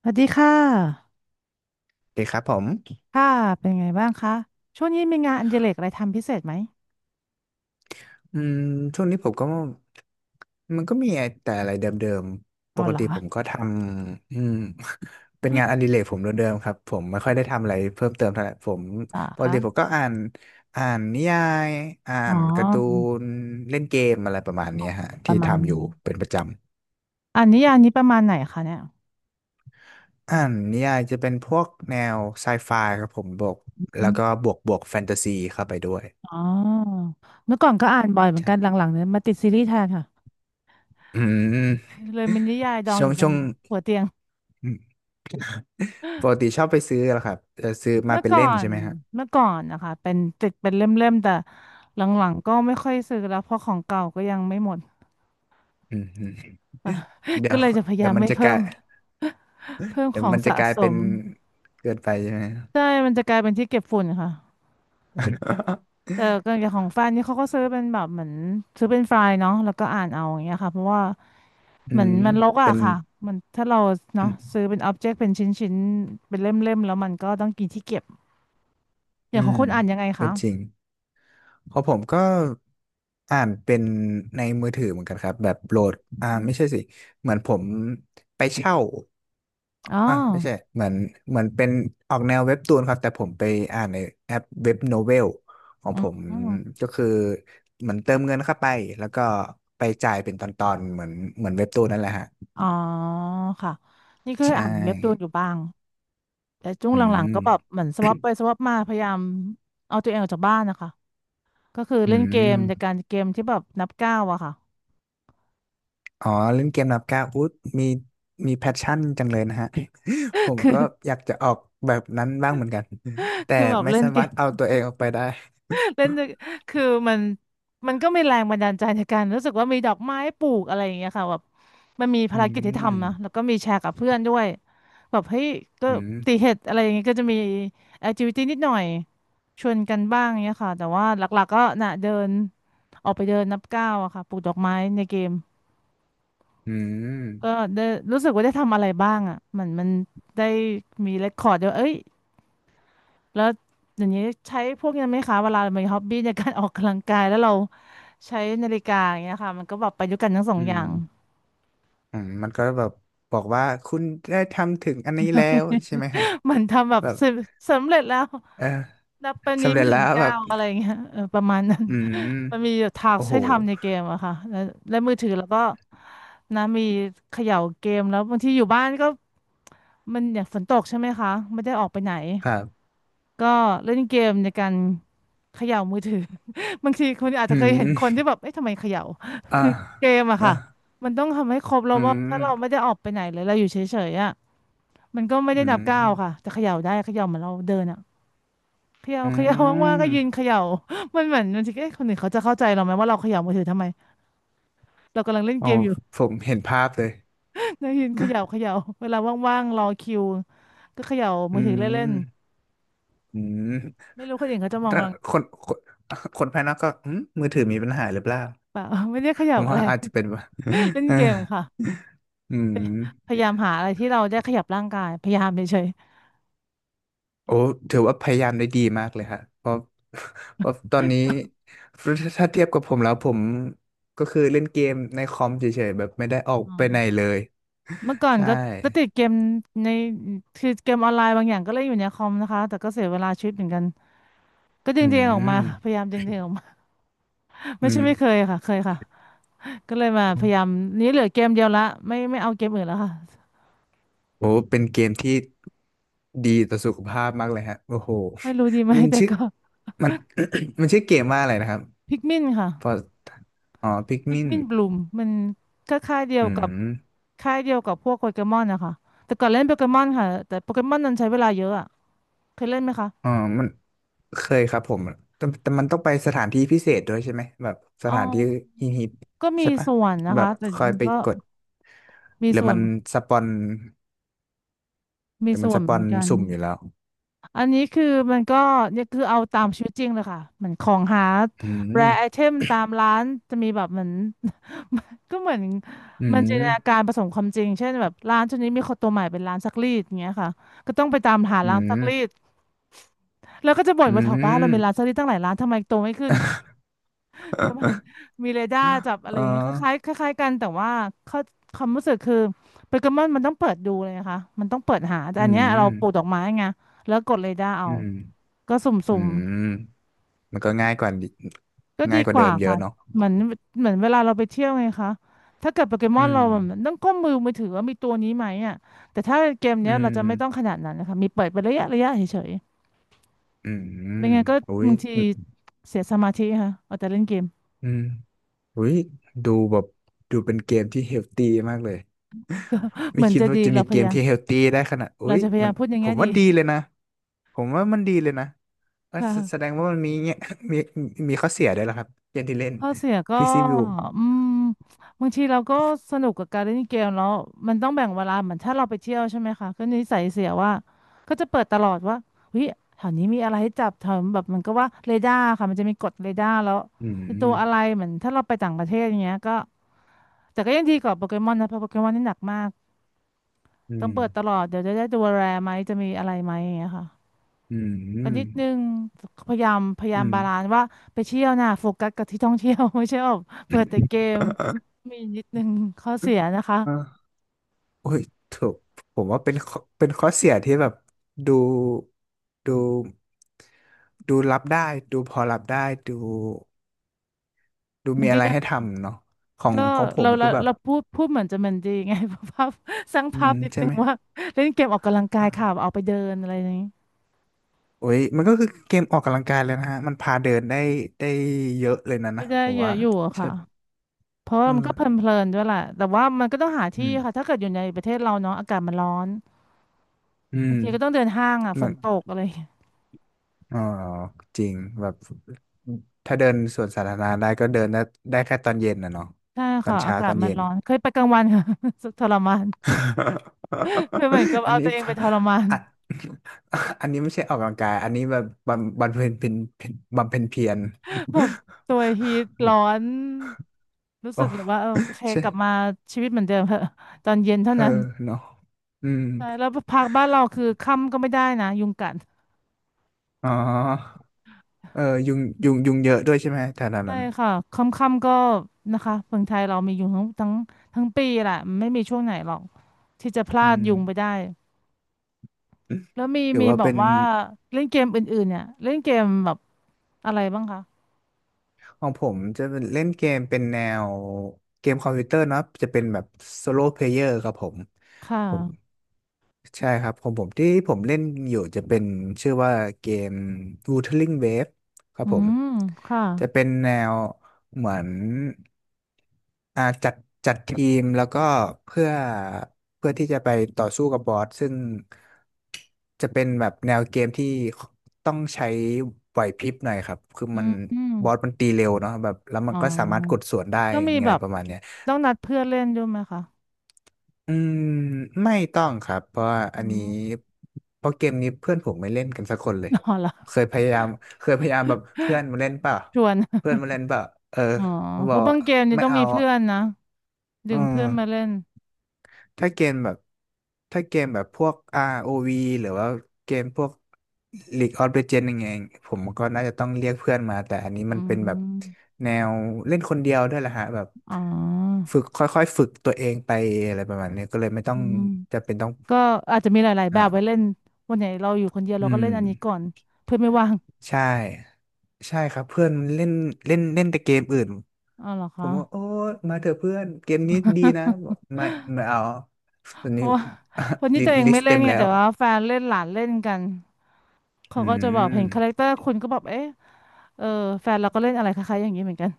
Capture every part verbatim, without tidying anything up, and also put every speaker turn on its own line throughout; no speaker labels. สวัสดีค่ะ
เดีครับผม
ค่ะ เป็นไงบ้างคะช่วงนี้มีงานอดิเรกอะไรทำพิเศษไหม
อืมช่วงนี้ผมก็มันก็มีแต่อะไรเดิมๆ ป
อ๋อ
ก
เหรอ
ติผมก็ทำอืม เป็นงานอดิเรกผมเดิมๆครับ ผมไม่ค่อยได้ทำอะไรเพิ่มเติมเท่าไหร่ผม
เหรอ
ปกติผม
คะ
ก็อ่านอ่านนิยายอ่า
อ๋อ
นการ์ตูนเล่นเกมอะไรประมาณ
อ๋
เนี้
อ
ยฮะ
ป
ที่
ระมาณ
ทำอ
นึ
ยู่
ง
เป็นประจำ
อันนี้อันนี้ประมาณไหนคะเนี่ย
อ่านนิยายจะเป็นพวกแนวไซไฟครับผมบวก
อ
แล้
ม
วก็บวกบวกแฟนตาซีเข้าไปด้วย
อ๋อเมื่อก่อนก็อ่านบ่อยเหมือนกันห
ใช่
ลังๆเนี่ยมาติดซีรีส์แทนค่ะ
อืม
เลยมีนิยายดอง
ช่
อ
วง
ยู่บ
ช่
น
วง
หัวเตียง
ปกติชอบไปซื้อเหรอครับเออซื้อมา
เมื่อ
เป็น
ก่อ
เล่มใช่
น
ไหมฮะ
เมื่อก่อนนะคะเป็นติดเป็นเล่มๆแต่หลังๆก็ไม่ค่อยซื้อแล้วเพราะของเก่าก็ยังไม่หมด
อืมอืม เดี๋
ก็
ยว
เลยจะพยา
เดี๋
ยา
ยว
ม
มัน
ไม่
จะก
เพิ่
ลา
ม
ย
เพิ่ม
เดี๋
ข
ยว
อง
มันจะ
สะ
กลาย
ส
เป็น
ม
เกินไปใช่ไหม
ใช่มันจะกลายเป็นที่เก็บฝุ่นค่ะแต่ก็อ ย่างของแฟนนี่เขาก็ซื้อเป็นแบบเหมือนซื้อเป็นไฟล์เนาะแล้วก็อ่านเอาอย่างเงี้ยค่ะเพราะว่า
อื
เหมือน
ม
มันรกอะ
เป็น
ค่ะมันถ้าเรา
อื
เนาะ
ม
ซื้อเป็นอ็อบเจกต์เป็นชิ้นชิ้นเป็นเล่มเล่มแล้วมันก็ต้องกินที่เก็บอย่า
อื
งของ
ม
คุณอ่านยังไง
ก็
คะ
จริงเพราะผมก็อ่านเป็นในมือถือเหมือนกันครับแบบโหลดอ่าไม่ใช่สิเหมือนผมไปเช่า
อ๋อ
อ่ะไม่ใช่เหมือนเหมือนเป็นออกแนวเว็บตูนครับแต่ผมไปอ่านในแอปเว็บโนเวลของ
อื
ผม
ม
ก็คือเหมือนเติมเงินเข้าไปแล้วก็ไปจ่ายเป็นตอนๆเหมือนเหมือนเว็บตูนนั่นแหละฮะ
อ๋อค่ะนี่ก็
ใช
เคยอ่านเว็บตูนอ
่
ยู่บ้างแต่ช่วง
อื
หลังๆ
ม
ก็แบบเหมือนสวอปไปสวอปมาพยายามเอาตัวเองออกจากบ้านนะคะก็คือ
อื
เล่นเกมใน
ม
การเกมที่แบบนับก้าวอะค่ะ
อ๋อเล่นเกมนับก้าวอุ๊ยมีมีแพชชั่นจังเลยนะฮะ ผม
คือ
ก็อยากจะออกแบบนั้นบ้างเหมือนกันแต่
คือแบบ
ไม่
เล่น
สา
เก
มารถ
ม
เอาตัวเองออกไปได้
เล่นด้วยคือมันมันก็มีแรงบันดาลใจในการรู้สึกว่ามีดอกไม้ปลูกอะไรอย่างเงี้ยค่ะแบบมันมี
อื
ภารกิจที่ทำนะ
ม
แล้วก็มีแชร์กับเพื่อนด้วยแบบเฮ้ยก็
อืม
ตีเห็ดอะไรอย่างเงี้ยก็จะมีแอคทิวิตี้นิดหน่อยชวนกันบ้างเงี้ยค่ะแต่ว่าหลักๆก็น่ะเดินออกไปเดินนับก้าวอะค่ะปลูกดอกไม้ในเกม
อื
ก็
ม
ได้รู้สึกว่าได้ทำอะไรบ้างอะมันมันได้มีเรคคอร์ดด้วยเอ้ย แล้วอย่างนี้ใช้พวกนี้ไหมคะเวลามีฮ็อบบี้ในการออกกำลังกายแล้วเราใช้นาฬิกาอย่างเงี้ยค่ะมันก็แบบประยุกต์กันทั้งสอง
อื
อย่า
ม
ง
อืมมันก็แบบบอกว่าคุณได้ทำถึงอันนี้แล้วใช่ไหมฮะ
มันทำแบบ
แบบ
สำสำเร็จแล้ว
เออ
รับไปนี้
สำเร็
ห
จ
มื่
แล้
น
วแบ
เก้า
บ
อะไรเงี้ยเออประมาณนั้น
อืม
มันมีทาส
โอ้โห
ให้ทำในเกมอะค่ะแล้วแล้วมือถือแล้วก็นะมีเขย่าเกมแล้วบางทีอยู่บ้านก็มันอย่างฝนตกใช่ไหมคะไม่ได้ออกไปไหน
ครับ
ก็เล่นเกมในการเขย่ามือถือ บางทีคุณอาจ
อื
จะเคยเห็นคน
ม
ที่แบบเอ๊ะทำไมเขย่า
อ่า
คือเกมอะ
เออ
ค่ะมันต้องทำให้ครบแล้ว
อื
ว่าถ้าเราไม่
ม
ได้ออกไปไหนเลยเราอยู่เฉยๆอะมันก็ไม่ได้
อื
นับ
ม
ก้าวค่ะจะเขย่าได้เขย่าเหมือนเราเดินอะเขย่า
อื
เขย่าว่างๆก็ยืน
ม
เขย่ามันเหมือนบางทีเอ๊ะคนอื่นเขาจะเข้าใจเราไหมว่าเราเขย่ามือถือทำไมเรากำลังเล่น
โอ้
เกมอยู่
ผมเห็นภาพเลย
นะยืนเขย่าเขย่าเวลาว่างๆรอคิวก็เขย่า
อื
มือถือเล่น
มอืม
ๆไม่รู้คนอื่นเขาจะมอง
ถ้า
เรา
ค
ห
นคนคนภายนอกก็อืมมือถือมีปัญหาหรือเปล่า
รือเปล่า ไม่ได้เข
ผ
ย่า
ม
อะ
ว่า
ไร
อาจจะเป็น ว่า
เล่นเกมค่ะ
อืม
พยายามหาอะไรที่เราได้ขยับร่างกายพยายามเฉย
โอ้ถือว่าพยายามได้ดีมากเลยฮะเพราะ เพราะตอนนี้ถ้าเทียบกับผมแล้วผมก็คือเล่นเกมในคอมเฉยๆแบบไม่ได้ออก
ๆอื
ไป
ม
ไหนเลย
เมื่อก่อน
ใช่
ก็ก็ติดเกมในคือเกมออนไลน์บางอย่างก็เล่นอยู่ในคอมนะคะแต่ก็เสียเวลาชีวิตเหมือนกันก็ดึ
อื
งตัวเองออกมาค่ะพยา
ม
ยามดึงตัวเองออกมา
อื
ไม่ใช่
ม
ไม่เคยค่ะเคยค่ะก็เลยมาพยายามนี้เหลือเกมเดียวละไม่ไม่เอาเกมอื่นแล้วค่ะ
โอ้เป็นเกมที่ดีต่อสุขภาพมากเลยฮะโอ้โห
ไม่รู้ดีไหม
มัน
แต่
ชื่อ
ก็
มัน มันชื่อเกมว่าอะไรนะครับ
พิกมินค่ะ
พออ๋อพิก
พิก
มิน
มินบลูมมันก็ค่ายเดีย
อื
วกับ
ม
ค่ายเดียวกับพวกโปเกมอนนะคะแต่ก่อนเล่นโปเกมอนค่ะแต่โปเกมอนนั้นใช้เวลาเยอะอะเคยเล่นไหมคะ
อ๋อมัน เคยครับผมแต่แต่มันต้องไปสถานที่พิเศษด้วยใช่ไหม แบบส
อ๋อ
ถานที่ฮิปฮิป
ก็มี
ใช่ปะ
ส่วนนะ
แบ
คะ
บ
แต่
คอย
มัน
ไป
ก็
กด
มี
หรือ
ส่ว
มั
น
นสปอนห
มี
รือมั
ส่
น
ว
ส
นเห
ป
มื
อ
อน
น
กัน
สุ่มอยู่แล้ว
อันนี้คือมันก็เนี่ยคือเอาตามชีวิตจริงเลยค่ะเหมือนของหา
อื
แรไอเท
ม
มตามร้านจะมีแบบเหมือน ก็เหมือน
อื
มันจินตนากา
ม
รผสมความจริงเช่นแบบร้านช่วนี้มีคนตัวใหม่เป็นร้านซักรีดอย่างเงี้ยค่ะก็ต้องไปตามหา
อื
ร้านซักรีด
ม
แล้วก็จะบ่น
อื
ว่าแถวบ้านเรามีร้าน
ม
ซักรีดตั้งหลายร้านทำไมโตไม่ขึ้น ประมาณ มีเรดาร์จับอะ
เอ
ไร
อ
อย่างเงี้ยคล้ายๆคล้ายๆกันแต่ว่าเขาความรู้สึกคือโปเกมอนมันต้องเปิดดูเลยนะคะมันต้องเปิดหาแต่
อื
อันเนี้ย
ม
เราปลูกดอกไม้ไงแล้วกดเรดาร์เอา
อืม
ก็
อื
สุ่ม
มมันก็ง่ายกว่าดิ
ๆก็ดี
ง่ายกว่า
ก
เดิ
ว่า
มเย
ค่ะ
อะเนาะ
เหมือนเหมือนเวลาเราไปเที่ยวไงคะถ้าเกิดโปเกม
อื
อนเรา
ม
แบบต้องก้มมือมือถือว่ามีตัวนี้ไหมอ่ะแต่ถ้าเกม
อื
เนี้ยเราจะไม่ต้องข
ม
นาดนั้นนะคะมีเปิดเป็นระยะระยะเฉย
อื
ๆ
ม
ไม่งั้นก็
อุ้ย
บางที
อ
เสียสมาธิค่ะเอาแต่เล่นเกม
ืมอุ้ยดูแบบ ดูเป็นเกมที่เฮลตี้มากเลย
เห
ไม่
มือน
คิด
จะ
ว่า
ดี
จะ
เรา
มี
พ
เก
ยา
ม
ยาม
ที่เฮลตี้ได้ขนาดอุ้
เรา
ย
จะพยา
มั
ยา
น
มพูดอย่าง
ผ
เงี้ย
มว่า
ดี
ดีเลยนะผมว่ามันดีเลยนะเอ้อแสแสด
ค่ะ
งว่ามันมีเงี้ย มีมีข้อเสียด้วยเหรอครับเกมที่เล่น
ข้อเสียก็
พีซีบิว
อืมบางทีเราก็สนุกกับการเล่นเกมแล้วมันต้องแบ่งเวลาเหมือนถ้าเราไปเที่ยวใช่ไหมคะก็นิสัยเสียว่าก็จะเปิดตลอดว่าเฮ้ยแถวนี้มีอะไรให้จับแถวแบบมันก็ว่าเรดาร์ค่ะมันจะมีกดเรดาร์แล้ว
อื
ไอ้ตัวอะไร
ม
เหมือนถ้าเราไปต่างประเทศอย่างเงี้ยก็แต่ก็ยังดีกว่าโปเกมอนนะเพราะโปเกมอนนี่หนักมาก
อื
ต้อง
ม
เปิดตลอดเดี๋ยวจะได้ตัวแรร์ไหมจะมีอะไรไหมอย่างเงี้ยค่ะ
อื
กันนิด
ม
นึงพยายามพยา
อื
ยาม
ม
บาลานซ์ว่าไปเที่ยวน่ะโฟกัสกับที่ท่องเที่ยว ไม่ใช่แบบเปิดแต่เกม มีนิดนึงข้อเสียนะคะ
อ่าโอ้ยถูกผมว่าเป็นข้อเป็นข้อเสียที่แบบดูดูดูรับได้ดูพอรับได้ดูดู
มั
มี
นก็
อะไร
ยัง
ให้ทำเนาะของ
ก็
ของผ
เรา
ม
เรา
คือแบบ
เราพูดพูดเหมือนจะเหมันดีไง ภาพสร้าง
อื
ภา
ม
พนิด
ใช่
นึง
ไหม
ว่าเล่นเกมออกกำลังกายค่ะเอาไปเดินอะไรอย่างนี้
โอ้ยมันก็คือเกมออกกำลังกายเลยนะฮะมันพาเดินได้ได้เยอะเลยนะ
ก็
นะ
ได้
ผม
เย
ว่า
อะอยู่อะ
ใช่
ค่ะเพราะว่า
เอ
มันก็เพ
อ
ลินๆด้วยแหละแต่ว่ามันก็ต้องหา
อื
ที่
ม
ค่ะถ้าเกิดอยู่ในประเทศเราเนาะอากาศมันร้อน
อื
บา
ม
งทีก็ต้องเดินห้างอ่ะฝ
มั
น
น
ตกอะไรอย่างเงี้ย
อ๋อจริงแบบถ้าเดินสวนสาธารณะได้ก็เดินได้ได้แค่ตอนเย็นนะเนาะ
ใช่
ตอ
ค่ะ
น
อา
เช้า
กา
ต
ศ
อน
มัน
เย็น
ร้อนเคยไปกลางวันค่ะ ทรมาน คือเหมือนกับ
อัน
เอา
นี้
ตัวเองไปทรมาน
อ่ะ อันนี้ไม่ใช่ออกกำลังกายอันนี้แบบบำบำเพ็ญเป็นเป็นบำเพ็ญเพียร
แบบตัวฮีทร้ อนรู้สึ
โอ้
กเลยว่าเออโอเค
ใช่
กลับมาชีวิตเหมือนเดิมเถอะตอนเย็นเท่า
เอ
นั้น
อเนาะอืม
ใช่แล้วพักบ้านเราคือค่ำก็ไม่ได้นะยุงกัด
อ๋อ เออยุงยุงยุงเยอะด้วยใช่ไหมแถว
ใช่
นั้น
ค่ะค่ำๆก็นะคะเมืองไทยเรามียุงทั้งทั้งทั้งปีแหละไม่มีช่วงไหนหรอกที่จะพลา
อื
ด
ม
ยุงไปได้แล้วมี
หรือ
มี
ว่า
แบบ
เป็น
ว่าเล่นเกมอื่นๆเนี่ยเล่นเกมแบบอะไรบ้างคะ
ของผมจะเป็นเล่นเกมเป็นแนวเกมคอมพิวเตอร์เนอะจะเป็นแบบโซโล่เพลเยอร์ครับผม
ค่ะ
ผม ใช่ครับของผมที่ผมเล่นอยู่จะเป็นชื่อว่าเกม Wuthering Waves ครับ
อื
ผม
มค่ะ
จะเป็นแนวเหมือนอ่าจัดจัดทีมแล้วก็เพื่อเพื่อที่จะไปต่อสู้กับบอสซึ่งจะเป็นแบบแนวเกมที่ต้องใช้ไหวพริบหน่อยครับคือ
อื
มัน
ม
บอสมันตีเร็วเนาะแบบแล้วมั
อ๋
นก็สามารถกด
อ
สวนได้
ต้องมี
ไง
แบบ
ประมาณเนี้ย
ต้องนัดเพื่อนเล่นด้วยไหมคะ
อืมไม่ต้องครับเพราะว่าอั
อื
นนี้
ม
เพราะเกมนี้เพื่อนผมไม่เล่นกันสักคนเลย
อ๋อเหรอ
เคยพยายามเคยพยายามแบบเพื่อนมาเล่นเปล่า
ชวน
เพื่อนมาเล่นเปล่าเออ
อ๋อ
บ
เพ
อ
ราะ
ก
บางเกมนี่
ไม่
ต้อง
เอา
มีเพื่อนนะดึ
อื
ง
ม
เพื่อนมาเล่น
ถ้าเกมแบบถ้าเกมแบบพวก อาร์ โอ วี หรือว่าเกมพวก League of Legends ยังไงผมก็น่าจะต้องเรียกเพื่อนมาแต่อันนี้
อื
มันเป็นแบบ
ม
แนวเล่นคนเดียวด้วยแหละฮะแบบ
อ๋อ
ฝึกค่อยๆฝึกตัวเองไปอะไรประมาณนี้ก็เลยไม่ต้อ
อื
ง
ม
จะเป็นต้อง
ก็อาจจะมีหลายๆแบบไว้เล่
อ่า
นวันไหนเราอยู่คนเดียว
อื
เราก็
ม
เล่นอันนี้ก่อนเพื่อนไม่ว่าง
ใช่ใช่ครับเพื่อนเล่นเล่นเล่นแต่เกมอื่น
อ๋อเหรอ
ผ
คะ
มว่าโอ้มาเถอะเพื่อนเกมนี้ ดีนะบอกไม่ไม่เอาตอน
เพ
นี้
ราะว่าคน ที่ตัวเอง
ลิส
ไม่
ต์
เล่
เต็
น
ม
ไง
แล้ว
แต่ว่าแฟนเล่นหลานเล่นกันเขา
อื
ก็จะแบบเห็นคาแรค
ม
เตอร์คุณก็แบบเอ๊ะเออแฟนเราก็เล่นอะไรคล้ายๆอย่างนี้เหมือนกัน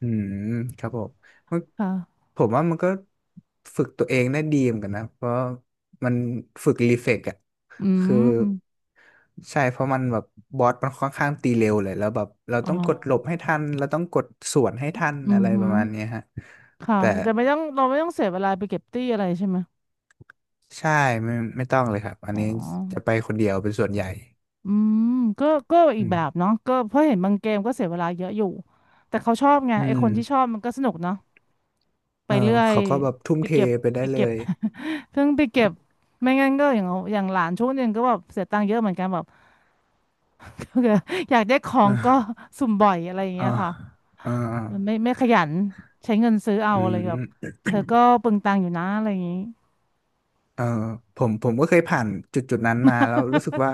อืมครับผมมัน
ค่ะ
ผมว่ามันก็ฝึกตัวเองได้ดีเหมือนกันนะเพราะมันฝึกรีเฟกอะ
อื
คือ
ม
ใช่เพราะมันแบบบอสมันค่อนข้างตีเร็วเลยแล้วแบบเรา
อ๋อ
ต้องกดหลบให้ทันเราต้องกดสวนให้ทัน
อื
อะ
อ
ไรป
หื
ระ
อ
มาณเนี้ยฮะ
ค่ะ
แต่
แต่ไม่ต้องเราไม่ต้องเสียเวลาไปเก็บตี้อะไรใช่ไหม
ใช่ไม่ไม่ต้องเลยครับอัน
อ๋
นี้จะ
อ
ไปคนเดียวเป็นส่วนใหญ่
อืมก็ก็อีก
อื
แบบ
ม
เนาะก็เพราะเห็นบางเกมก็เสียเวลาเยอะอยู่แต่เขาชอบไง
อื
ไอค
ม
นที่ชอบมันก็สนุกเนาะไป
เออ
เรื่อย
เขาก็แบบทุ่ม
ไป
เท
เก็บ
ไปได้
ไป
เล
เก็บ
ย
เพิ่งไปเก็บไม่งั้นก็อย่างเอาอย่างหลานช่วงหนึงก็แบบเสียตังค์เยอะเหมือนกันแบบ อยากได้ของก็
อ่า
สุ่มบ่อยอะไรอย่าง
อ่า
เงี้ยค่ะ
อ่า
มันไม่ไม่ขยันใช้เงินซื้อเอา
อื
อะไรแบบ
ม
เธอก็เปลืองตังค์อยู่นะอะไรอย่างงี้
เออผมผมก็เคยผ่านจุดจุดนั้นมาแล้วรู้สึกว่า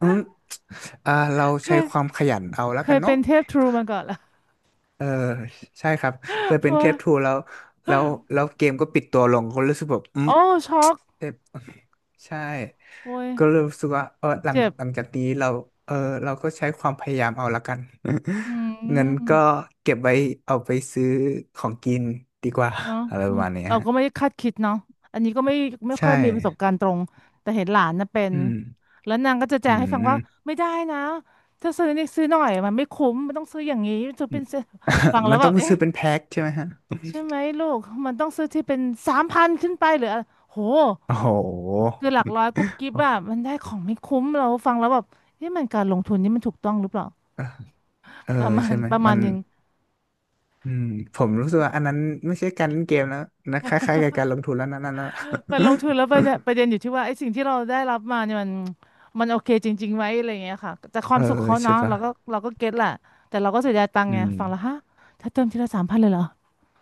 อืม อ่าเราใช้ความขยันเอาแล้ว
เค
กั
ย
นเนาะ
เป็นเทพทรูมาก่อนละ
เออใช่ครับเค ย
เพ
เป็น
ราะ
เท
ว่า
ปทูแล้วแล้วแล้วเกมก็ปิดตัวลงก็รู้สึกแบบอืม
โอ้ช็อก
เทปใช่
โอ้ย
ก็เลยรู้สึกว่าเออหลัง
เจ็บ
หลังจากนี้เราเออเราก็ใช้ความพยายามเอาแล้วกัน
อื
เงินก็
ม
เก็บไว้เอาไปซื้อของกินดีกว่า
เนาะ
อะไรป
มั
ระ
น
มาณเนี้ย
เรา
ฮะ
ก็ไม่ได้คาดคิดเนาะอันนี้ก็ไม่ไม่ค่
ใช่
อยมีประสบการณ์ตรงแต่เห็นหลานนะเป็น
อืม
แล้วนางก็จะแจ
อื
งให้ฟัง
ม
ว่า ไม่ได้นะถ้าซื้อนี่ซื้อหน่อยมันไม่คุ้มมันต้องซื้ออย่างนี้จะเป็นเซฟังแล้
มั
ว
น
แบ
ต้อ
บ
ง
เอ๊ะ
ซื้อเป็นแพ็คใช่ไหมฮะ
ใช่ไหมลูกมันต้องซื้อที่เป็นสามพันขึ้นไปหรืออะไรโห
โอ้โห
คือหลักร้อยกุ๊บกิ๊บอะมันได้ของไม่คุ้มเราฟังแล้วแบบนี่มันการลงทุนนี่มันถูกต้องหรือเปล่า
เออ
ประมา
ใช่
ณ
ไหม
ประมา
มั
ณ
น
หนึ่ง
อืมผมรู้สึกว่าอันนั้นไม่ใช่การเล่นเกมแล้วนะคล้ายๆกับการลงทุนแล้วนะนั่นนะ
มันลงทุนแล้วประเด็นประเด็นอยู่ที่ว่าไอ้สิ่งที่เราได้รับมาเนี่ยมันมันโอเคจริงๆไหมอะไรอย่างเงี้ยค่ะแต่ค
เอ
วา
อ
มสุขเขา
ใช่
เนาะ
ปะ
เราก็เราก็เก็ตแหละแต่เราก็เสียดายตังค์
อื
ไง
ม
ฟังแล้วฮะถ้าเติมทีละสามพันเลยเหรอ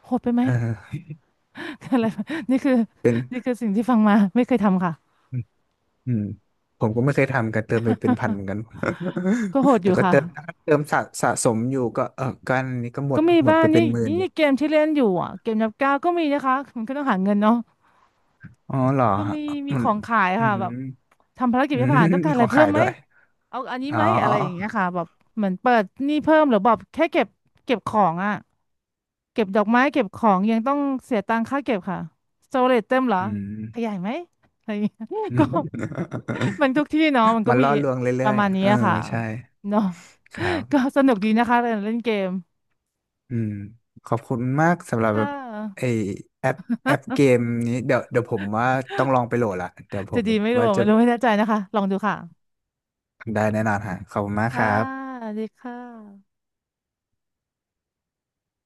โหดไปไหม
เออ
อะไรแบบนี่คือ
เป็น
นี่คือสิ่งที่ฟังมาไม่เคยทำค่ะ
อืมอืมผมก็ไม่เคยทำกันเติมไปเป็นพันเหมือนกัน
ก็โหด อ
แต่
ยู่
ก็
ค่ะ
เติมถ้าเติมสะสะสมอยู่ก็เออก็อันนี้ก็หม
ก็
ด
มี
หมด
บ้าง
ไปเป็
นี่
นหมื่น
นี่
อยู่
เกมที่เล่นอยู่อ่ะเกมนับก้าวก็มีนะคะมันก็ต้องหาเงินเนาะ
อ๋อเหรอ
ก็
ฮะ
มีมี
มั
ข
น
องขาย
อื
ค่ะแบ
ม
บทำภารกิจ
อื
ไม่
ม
ผ่านต้อง การ
มี
อะ
ข
ไร
อง
เพิ่
ขา
ม
ย
ไหม
ด้วย
เอาอันนี้
อ๋
ไหม
อ
อะไรอย่างเงี้ยค่ะแบบเหมือนเปิดหนี้เพิ่มหรือแบบแค่เก็บเก็บของอ่ะเก็บดอกไม้เก็บของยังต้องเสียตังค่าเก็บค่ะสโตเรจเต็มเหรอ
อื
ขยา
ม
ยไหมอะไรอย่างเงี้ย ก็มันทุกที่เนาะมันก็
มัน
มี
ล่อลวง
ป
เรื่อ
ระ
ย
มาณ
ๆ
นี้
เออ
อะค่ะ
ใช่
เนาะ
ครับ
ก็สนุกดีนะคะการเล่นเกม
อืมขอบคุณมากสำหรับแบ
ค่ะ
บไอแอปแอปเกม นี้เดี๋ยวเดี๋ยวผมว่าต้องลองไปโหลดละเดี๋ยวผ
จะ
ม
ดีไม่รู้
ว่า
อะ
จะ
ไม่รู้ไม่แน่ใจนะคะลองดูค่ะ
ได้แน่นอนฮะขอบคุณมากค
ค่ะ
รับ
สวัสดีค่ะ